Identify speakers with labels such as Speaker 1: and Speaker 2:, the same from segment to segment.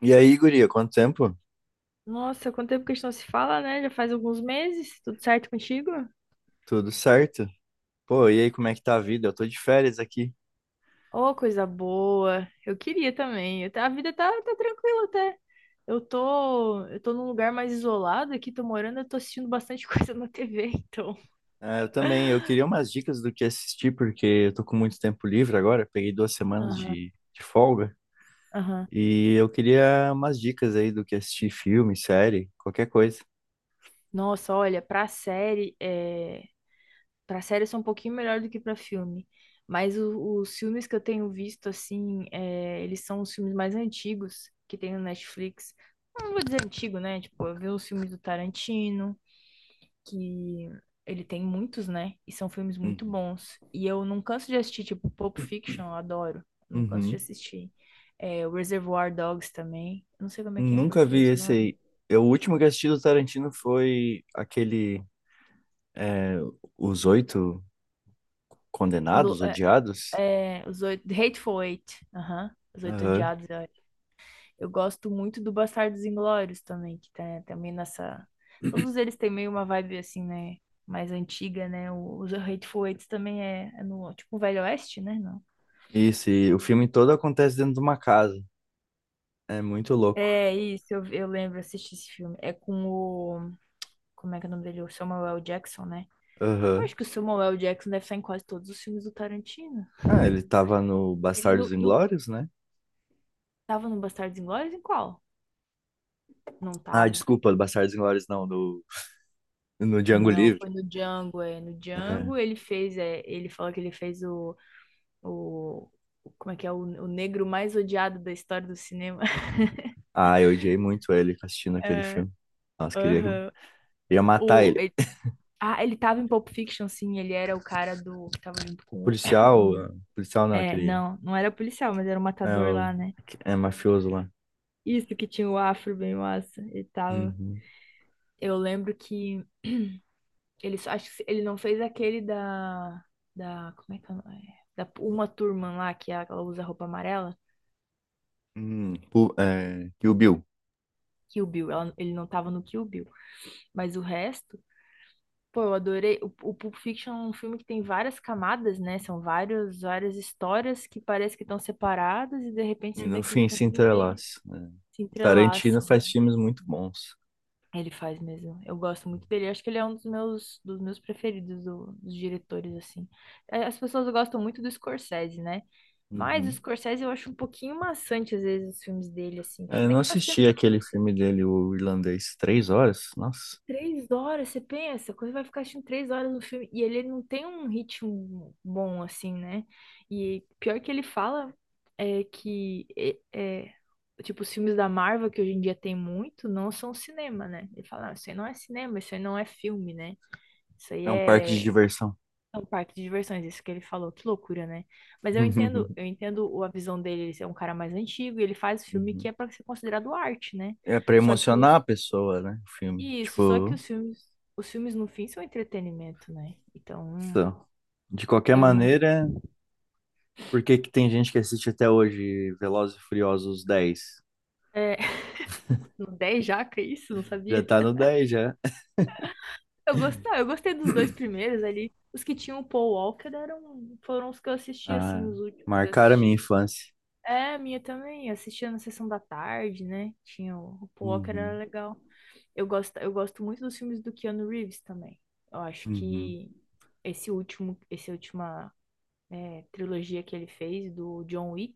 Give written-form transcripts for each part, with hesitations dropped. Speaker 1: E aí, guria, quanto tempo?
Speaker 2: Nossa, quanto tempo que a gente não se fala, né? Já faz alguns meses. Tudo certo contigo?
Speaker 1: Tudo certo? Pô, e aí, como é que tá a vida? Eu tô de férias aqui.
Speaker 2: Ô, coisa boa. Eu queria também. A vida tá tranquila até. Eu tô num lugar mais isolado aqui, tô morando, eu tô assistindo bastante coisa na TV, então.
Speaker 1: Ah, eu também, eu queria umas dicas do que assistir, porque eu tô com muito tempo livre agora, peguei 2 semanas
Speaker 2: Aham,
Speaker 1: de folga,
Speaker 2: aham.
Speaker 1: e eu queria umas dicas aí do que assistir, filme, série, qualquer coisa.
Speaker 2: Nossa, olha, Pra série eu sou um pouquinho melhor do que pra filme. Mas os filmes que eu tenho visto, assim, eles são os filmes mais antigos que tem no Netflix. Não vou dizer antigo, né? Tipo, eu vi os filmes do Tarantino, que ele tem muitos, né? E são filmes muito
Speaker 1: Uhum.
Speaker 2: bons. E eu não canso de assistir, tipo, Pulp Fiction, eu adoro. Não canso de
Speaker 1: Uhum.
Speaker 2: assistir. É, o Reservoir Dogs também. Eu não sei como é que é em
Speaker 1: Nunca vi
Speaker 2: português o
Speaker 1: esse
Speaker 2: nome.
Speaker 1: aí. Eu, o último que assisti do Tarantino foi é, Os Oito
Speaker 2: Englo-
Speaker 1: Condenados,
Speaker 2: É,
Speaker 1: Odiados.
Speaker 2: é, Hateful Eight. Aham. Os Oito
Speaker 1: Aham.
Speaker 2: Odiados. Eu gosto muito do Bastardos Inglórios também, que tá também nessa. Todos eles têm meio uma vibe assim, né? Mais antiga, né? Os Hateful Eight também é no tipo um Velho Oeste, né? Não.
Speaker 1: Isso, e o filme todo acontece dentro de uma casa. É muito louco.
Speaker 2: É isso, eu lembro, assisti esse filme. É com o. Como é que é o nome dele? O Samuel L. Jackson, né? Eu
Speaker 1: Aham.
Speaker 2: acho que o Samuel L. Jackson deve estar em quase todos os filmes do Tarantino.
Speaker 1: Ah, ele tava no
Speaker 2: Ele
Speaker 1: Bastardos
Speaker 2: no, no-
Speaker 1: Inglórios, né?
Speaker 2: Tava no Bastardos Inglórios? Em qual? Não
Speaker 1: Ah,
Speaker 2: tava.
Speaker 1: desculpa, Bastardos Inglórios no Django
Speaker 2: Não,
Speaker 1: Livre.
Speaker 2: foi no Django, é. No
Speaker 1: É.
Speaker 2: Django ele fez, ele falou que ele fez o, como é que é, o negro mais odiado da história do cinema.
Speaker 1: Ah, eu odiei muito ele assistindo aquele
Speaker 2: É,
Speaker 1: filme. Nossa,
Speaker 2: aham.
Speaker 1: queria matar
Speaker 2: O,
Speaker 1: ele.
Speaker 2: ele, Ele tava em Pulp Fiction, sim, ele era o cara do, que tava junto
Speaker 1: O
Speaker 2: com o,
Speaker 1: policial, ah, policial não,
Speaker 2: não, não era policial, mas era o
Speaker 1: é,
Speaker 2: matador
Speaker 1: o,
Speaker 2: lá, né?
Speaker 1: é mafioso lá.
Speaker 2: Isso que tinha o afro bem massa, ele tava.
Speaker 1: Uhum.
Speaker 2: Eu lembro que acho que ele não fez aquele da, como é que ela é? Da uma turma lá que ela usa roupa amarela.
Speaker 1: E o Bill.
Speaker 2: Kill Bill. Ele não tava no Kill Bill. Mas o resto, pô, eu adorei. O Pulp Fiction é um filme que tem várias camadas, né? São várias histórias que parece que estão separadas e de repente
Speaker 1: E
Speaker 2: você vê
Speaker 1: no
Speaker 2: que eles
Speaker 1: fim,
Speaker 2: estão
Speaker 1: se
Speaker 2: tudo meio
Speaker 1: entrelaça, né?
Speaker 2: se
Speaker 1: Tarantino
Speaker 2: entrelaçam.
Speaker 1: faz filmes muito bons.
Speaker 2: Ele faz mesmo. Eu gosto muito dele. Eu acho que ele é um dos meus, preferidos dos diretores, assim. É, as pessoas gostam muito do Scorsese, né? Mas o
Speaker 1: Uhum.
Speaker 2: Scorsese eu acho um pouquinho maçante, às vezes, os filmes dele, assim.
Speaker 1: É, eu
Speaker 2: Até
Speaker 1: não
Speaker 2: que faz tempo
Speaker 1: assisti
Speaker 2: que eu não
Speaker 1: aquele filme dele, o Irlandês, 3 horas? Nossa.
Speaker 2: Três horas, você pensa, quando vai ficar assistindo três horas no filme, e ele não tem um ritmo bom, assim, né? E pior que ele fala é que, tipo, os filmes da Marvel, que hoje em dia tem muito, não são cinema, né? Ele fala, "Ah, isso aí não é cinema, isso aí não é filme, né? Isso aí
Speaker 1: É um parque de
Speaker 2: é
Speaker 1: diversão.
Speaker 2: um parque de diversões", isso que ele falou, que loucura, né? Mas eu entendo a visão dele, ele é um cara mais antigo, e ele faz filme que
Speaker 1: Uhum.
Speaker 2: é pra ser considerado arte, né?
Speaker 1: É pra
Speaker 2: Só que
Speaker 1: emocionar a
Speaker 2: os
Speaker 1: pessoa, né? O filme.
Speaker 2: Isso, só que
Speaker 1: Tipo,
Speaker 2: os filmes no fim são entretenimento, né? Então,
Speaker 1: isso. De qualquer
Speaker 2: eu não.
Speaker 1: maneira, por que que tem gente que assiste até hoje Velozes e Furiosos 10?
Speaker 2: É, no 10 já, que isso, não
Speaker 1: Já
Speaker 2: sabia.
Speaker 1: tá no 10, já.
Speaker 2: Eu gostei dos dois primeiros ali. Os que tinham o Paul Walker foram os que eu assisti, assim,
Speaker 1: Ah,
Speaker 2: os últimos que eu
Speaker 1: marcaram a minha
Speaker 2: assisti.
Speaker 1: infância.
Speaker 2: É, a minha também, eu assistia na sessão da tarde, né? Tinha o Paul Walker, era
Speaker 1: Uhum.
Speaker 2: legal. Eu gosto muito dos filmes do Keanu Reeves também. Eu acho
Speaker 1: Uhum.
Speaker 2: que essa última trilogia que ele fez do John Wick.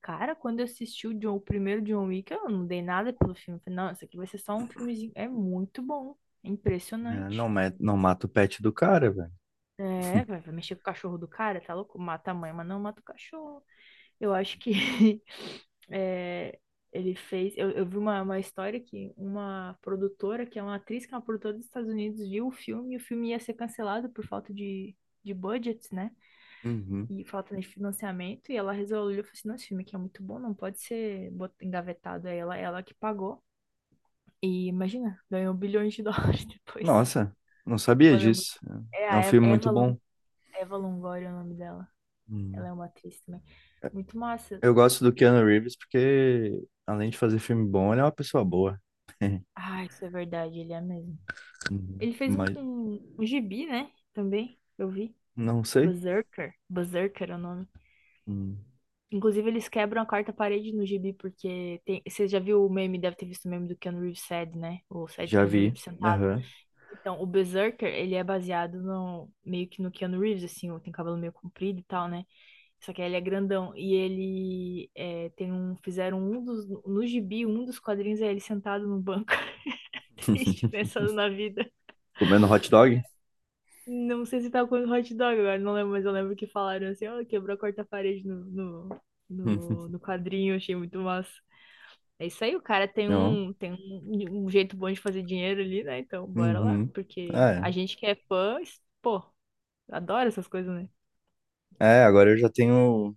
Speaker 2: Cara, quando eu assisti o primeiro John Wick, eu não dei nada pelo filme. Eu falei, não, isso aqui vai ser só um filmezinho. É muito bom. É
Speaker 1: É, não,
Speaker 2: impressionante.
Speaker 1: não mata o pet do cara, velho.
Speaker 2: É, vai mexer com o cachorro do cara, tá louco? Mata a mãe, mas não mata o cachorro. Eu acho que é, ele fez. Eu vi uma história que uma produtora, que é uma atriz, que é uma produtora dos Estados Unidos, viu o filme e o filme ia ser cancelado por falta de budget, né?
Speaker 1: Uhum.
Speaker 2: E falta de financiamento, e ela resolveu, falou assim, não, esse filme aqui é muito bom, não pode ser engavetado, aí ela que pagou, e imagina, ganhou bilhões de dólares depois,
Speaker 1: Nossa, não sabia
Speaker 2: valeu muito,
Speaker 1: disso.
Speaker 2: é
Speaker 1: É
Speaker 2: a
Speaker 1: um
Speaker 2: Eva,
Speaker 1: filme muito bom.
Speaker 2: Eva Longoria é o nome dela,
Speaker 1: Uhum.
Speaker 2: ela é uma atriz também, muito massa.
Speaker 1: Eu gosto do Keanu Reeves porque, além de fazer filme bom, ele é uma pessoa boa.
Speaker 2: Ah, isso é verdade, ele é mesmo,
Speaker 1: Uhum.
Speaker 2: ele fez
Speaker 1: Mas
Speaker 2: um gibi, né, também, eu vi,
Speaker 1: não sei.
Speaker 2: Berserker, Berserker é o nome.
Speaker 1: Hum.
Speaker 2: Inclusive, eles quebram a quarta parede no gibi, porque tem. Você já viu o meme, deve ter visto o meme do Keanu Reeves sad, né? O sad
Speaker 1: Já
Speaker 2: Keanu
Speaker 1: vi.
Speaker 2: Reeves sentado.
Speaker 1: Aham.
Speaker 2: Então, o Berserker, ele é baseado meio que no Keanu Reeves, assim, tem cabelo meio comprido e tal, né? Só que ele é grandão. E ele é, tem um. Fizeram um dos. No gibi, um dos quadrinhos é ele sentado no banco. Triste, pensando na vida.
Speaker 1: Comendo hot dog?
Speaker 2: Não sei se tava comendo hot dog agora, não lembro, mas eu lembro que falaram assim, ó, quebrou a quarta parede
Speaker 1: Uhum.
Speaker 2: no quadrinho, achei muito massa. É isso aí, o cara
Speaker 1: Não.
Speaker 2: um jeito bom de fazer dinheiro ali, né? Então, bora lá,
Speaker 1: Uhum.
Speaker 2: porque
Speaker 1: Ah,
Speaker 2: a
Speaker 1: é.
Speaker 2: gente que é fã, pô, adora essas coisas, né?
Speaker 1: É, agora eu já tenho.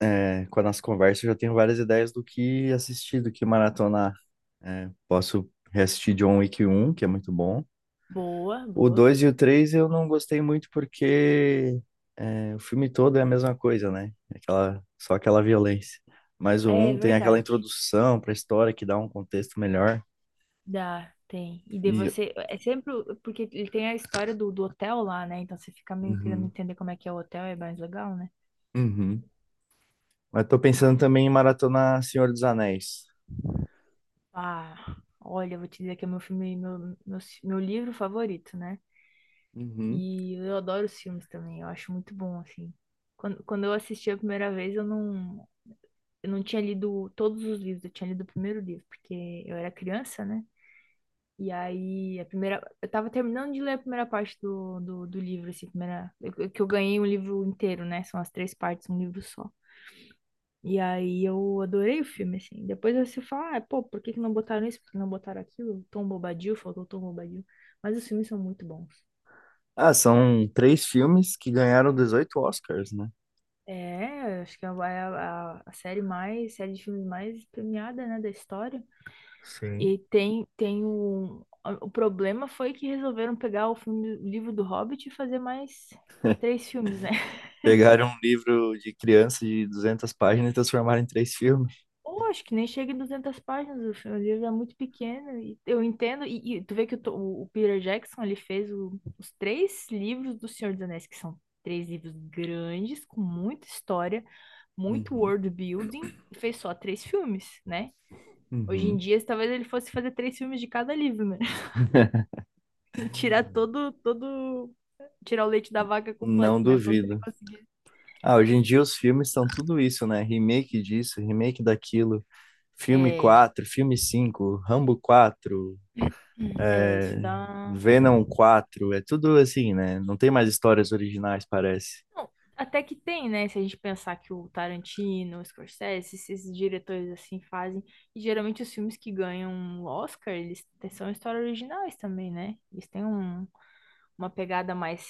Speaker 1: É, com a nossa conversa, eu já tenho várias ideias do que assistir, do que maratonar. É, posso reassistir John Wick 1, que é muito bom.
Speaker 2: Boa,
Speaker 1: O
Speaker 2: boa.
Speaker 1: 2 e o 3 eu não gostei muito porque é, o filme todo é a mesma coisa, né? Aquela, só aquela violência. Mas o
Speaker 2: É
Speaker 1: um tem aquela
Speaker 2: verdade.
Speaker 1: introdução para a história que dá um contexto melhor.
Speaker 2: Dá, tem. E de
Speaker 1: E,
Speaker 2: você, é sempre, porque ele tem a história do hotel lá, né? Então você fica meio querendo
Speaker 1: uhum,
Speaker 2: entender como é que é o hotel, é mais legal, né?
Speaker 1: uhum. Mas tô pensando também em maratonar Senhor dos Anéis.
Speaker 2: Ah, olha, eu vou te dizer que é meu filme, meu livro favorito, né?
Speaker 1: Uhum.
Speaker 2: E eu adoro os filmes também, eu acho muito bom, assim. Quando eu assisti a primeira vez, eu não tinha lido todos os livros, eu tinha lido o primeiro livro, porque eu era criança, né? E aí, eu tava terminando de ler a primeira parte do livro, assim, primeira, que eu ganhei um livro inteiro, né? São as três partes, um livro só. E aí eu adorei o filme, assim. Depois você fala, ah, pô, por que que não botaram isso? Por que não botaram aquilo? Tom Bobadil, faltou Tom Bobadil. Mas os filmes são muito bons.
Speaker 1: Ah, são três filmes que ganharam 18 Oscars, né?
Speaker 2: É, acho que é a série de filmes mais premiada, né, da história.
Speaker 1: Sim.
Speaker 2: E tem um. O problema foi que resolveram pegar o livro do Hobbit e fazer mais três filmes, né?
Speaker 1: Pegaram um livro de criança de 200 páginas e transformaram em três filmes.
Speaker 2: Pô, acho que nem chega em 200 páginas, o livro é muito pequeno, e eu entendo, e tu vê que o Peter Jackson, ele fez os três livros do Senhor dos Anéis, que são três livros grandes, com muita história, muito
Speaker 1: Uhum.
Speaker 2: world building, e fez só três filmes, né? Hoje em
Speaker 1: Uhum.
Speaker 2: dia, talvez ele fosse fazer três filmes de cada livro, né? E tirar o leite da vaca completo,
Speaker 1: Não
Speaker 2: né? Quando ele
Speaker 1: duvido.
Speaker 2: conseguir.
Speaker 1: Ah, hoje em dia os filmes são tudo isso, né? Remake disso, remake daquilo. Filme
Speaker 2: É,
Speaker 1: 4, filme 5, Rambo 4.
Speaker 2: é, isso dá.
Speaker 1: Venom 4, é tudo assim, né? Não tem mais histórias originais, parece.
Speaker 2: Não, até que tem, né? Se a gente pensar que o Tarantino, o Scorsese, esses diretores assim fazem. E geralmente os filmes que ganham um Oscar, são histórias originais também, né? Eles têm uma pegada mais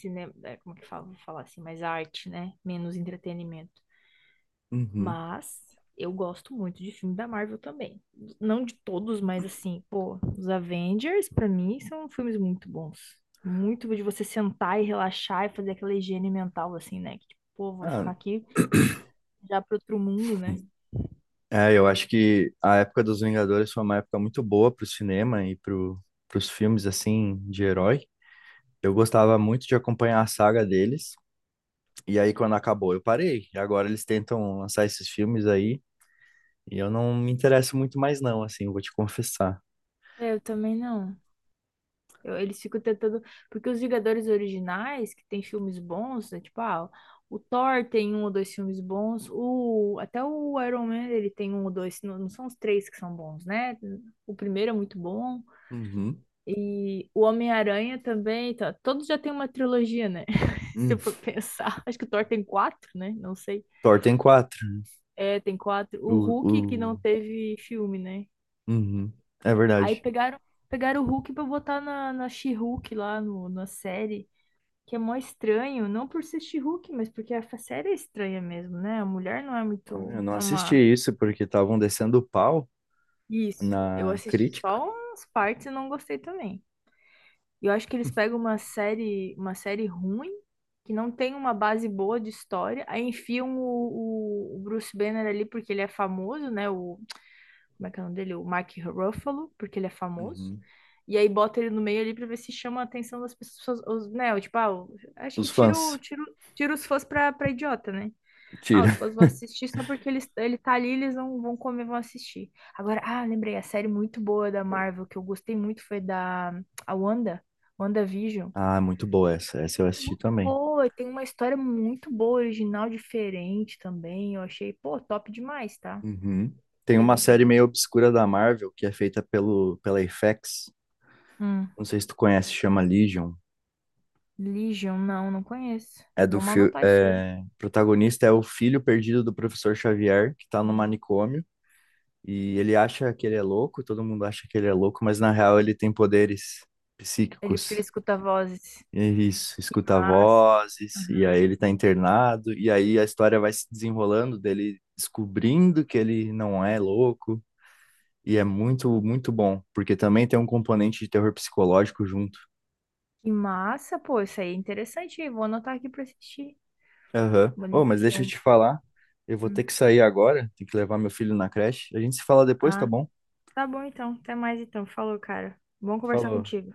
Speaker 2: cinema, como que fala, vou falar assim, mais arte, né? Menos entretenimento.
Speaker 1: Uhum.
Speaker 2: Mas eu gosto muito de filme da Marvel também. Não de todos, mas assim, pô, os Avengers, pra mim, são filmes muito bons. Muito de você sentar e relaxar e fazer aquela higiene mental, assim, né? Que, tipo, pô, vou
Speaker 1: Ah,
Speaker 2: ficar aqui já pro outro mundo, né?
Speaker 1: é, eu acho que a época dos Vingadores foi uma época muito boa pro cinema e pros filmes, assim, de herói. Eu gostava muito de acompanhar a saga deles, e aí quando acabou eu parei. E agora eles tentam lançar esses filmes aí, e eu não me interesso muito mais não, assim, vou te confessar.
Speaker 2: É, eu também não. Eles ficam tentando. Porque os Vingadores originais, que tem filmes bons, é tipo, ah, o Thor tem um ou dois filmes bons. Até o Iron Man, ele tem um ou dois. Não, não são os três que são bons, né? O primeiro é muito bom.
Speaker 1: Uhum.
Speaker 2: E o Homem-Aranha também, tá, todos já tem uma trilogia, né? Se
Speaker 1: Uhum.
Speaker 2: eu for pensar, acho que o Thor tem quatro, né? Não sei.
Speaker 1: Thor tem quatro,
Speaker 2: É, tem quatro.
Speaker 1: o,
Speaker 2: O Hulk que não
Speaker 1: o...
Speaker 2: teve filme, né?
Speaker 1: Uhum. É
Speaker 2: Aí
Speaker 1: verdade.
Speaker 2: pegaram o Hulk pra botar na She-Hulk lá no, na série, que é mó estranho, não por ser She-Hulk, mas porque a série é estranha mesmo, né? A mulher
Speaker 1: Ah, eu não
Speaker 2: não é
Speaker 1: assisti
Speaker 2: uma...
Speaker 1: isso porque estavam descendo o pau
Speaker 2: Isso, eu
Speaker 1: na
Speaker 2: assisti
Speaker 1: crítica.
Speaker 2: só umas partes e não gostei também. E eu acho que eles pegam uma série ruim, que não tem uma base boa de história, aí enfiam o Bruce Banner ali porque ele é famoso, né? Como é que é o nome dele? O Mark Ruffalo, porque ele é famoso.
Speaker 1: Uhum.
Speaker 2: E aí bota ele no meio ali pra ver se chama a atenção das pessoas, os, né? o Tipo, ah, acho
Speaker 1: Os
Speaker 2: que tira,
Speaker 1: fãs.
Speaker 2: tira os fãs pra idiota, né? Ah, os
Speaker 1: Tira.
Speaker 2: fãs vão assistir só porque ele tá ali, eles vão comer, vão assistir. Agora, ah, lembrei, a série muito boa da Marvel, que eu gostei muito, foi da a Wanda, WandaVision.
Speaker 1: Ah, muito boa essa. Essa eu assisti
Speaker 2: Muito
Speaker 1: também.
Speaker 2: boa, e tem uma história muito boa, original, diferente também. Eu achei, pô, top demais, tá?
Speaker 1: Uhum. Tem
Speaker 2: Achei
Speaker 1: uma
Speaker 2: muito
Speaker 1: série
Speaker 2: boa.
Speaker 1: meio obscura da Marvel que é feita pela FX.
Speaker 2: Hum,
Speaker 1: Não sei se tu conhece, chama Legion.
Speaker 2: Legion, não, não conheço. Vamos anotar isso aí.
Speaker 1: O protagonista é o filho perdido do professor Xavier, que tá no manicômio. E ele acha que ele é louco, todo mundo acha que ele é louco, mas na real ele tem poderes
Speaker 2: Porque
Speaker 1: psíquicos.
Speaker 2: ele escuta vozes.
Speaker 1: É isso, escuta
Speaker 2: Massa.
Speaker 1: vozes, e
Speaker 2: Aham.
Speaker 1: aí ele tá internado, e aí a história vai se desenrolando dele descobrindo que ele não é louco, e é muito, muito bom, porque também tem um componente de terror psicológico junto.
Speaker 2: Que massa, pô, isso aí é interessante. Vou anotar aqui pra assistir.
Speaker 1: Aham. Ô, mas deixa eu
Speaker 2: Legion.
Speaker 1: te falar, eu vou
Speaker 2: Hum.
Speaker 1: ter que sair agora, tenho que levar meu filho na creche. A gente se fala depois, tá
Speaker 2: Ah,
Speaker 1: bom?
Speaker 2: tá bom então. Até mais então. Falou, cara. Bom conversar
Speaker 1: Falou.
Speaker 2: contigo.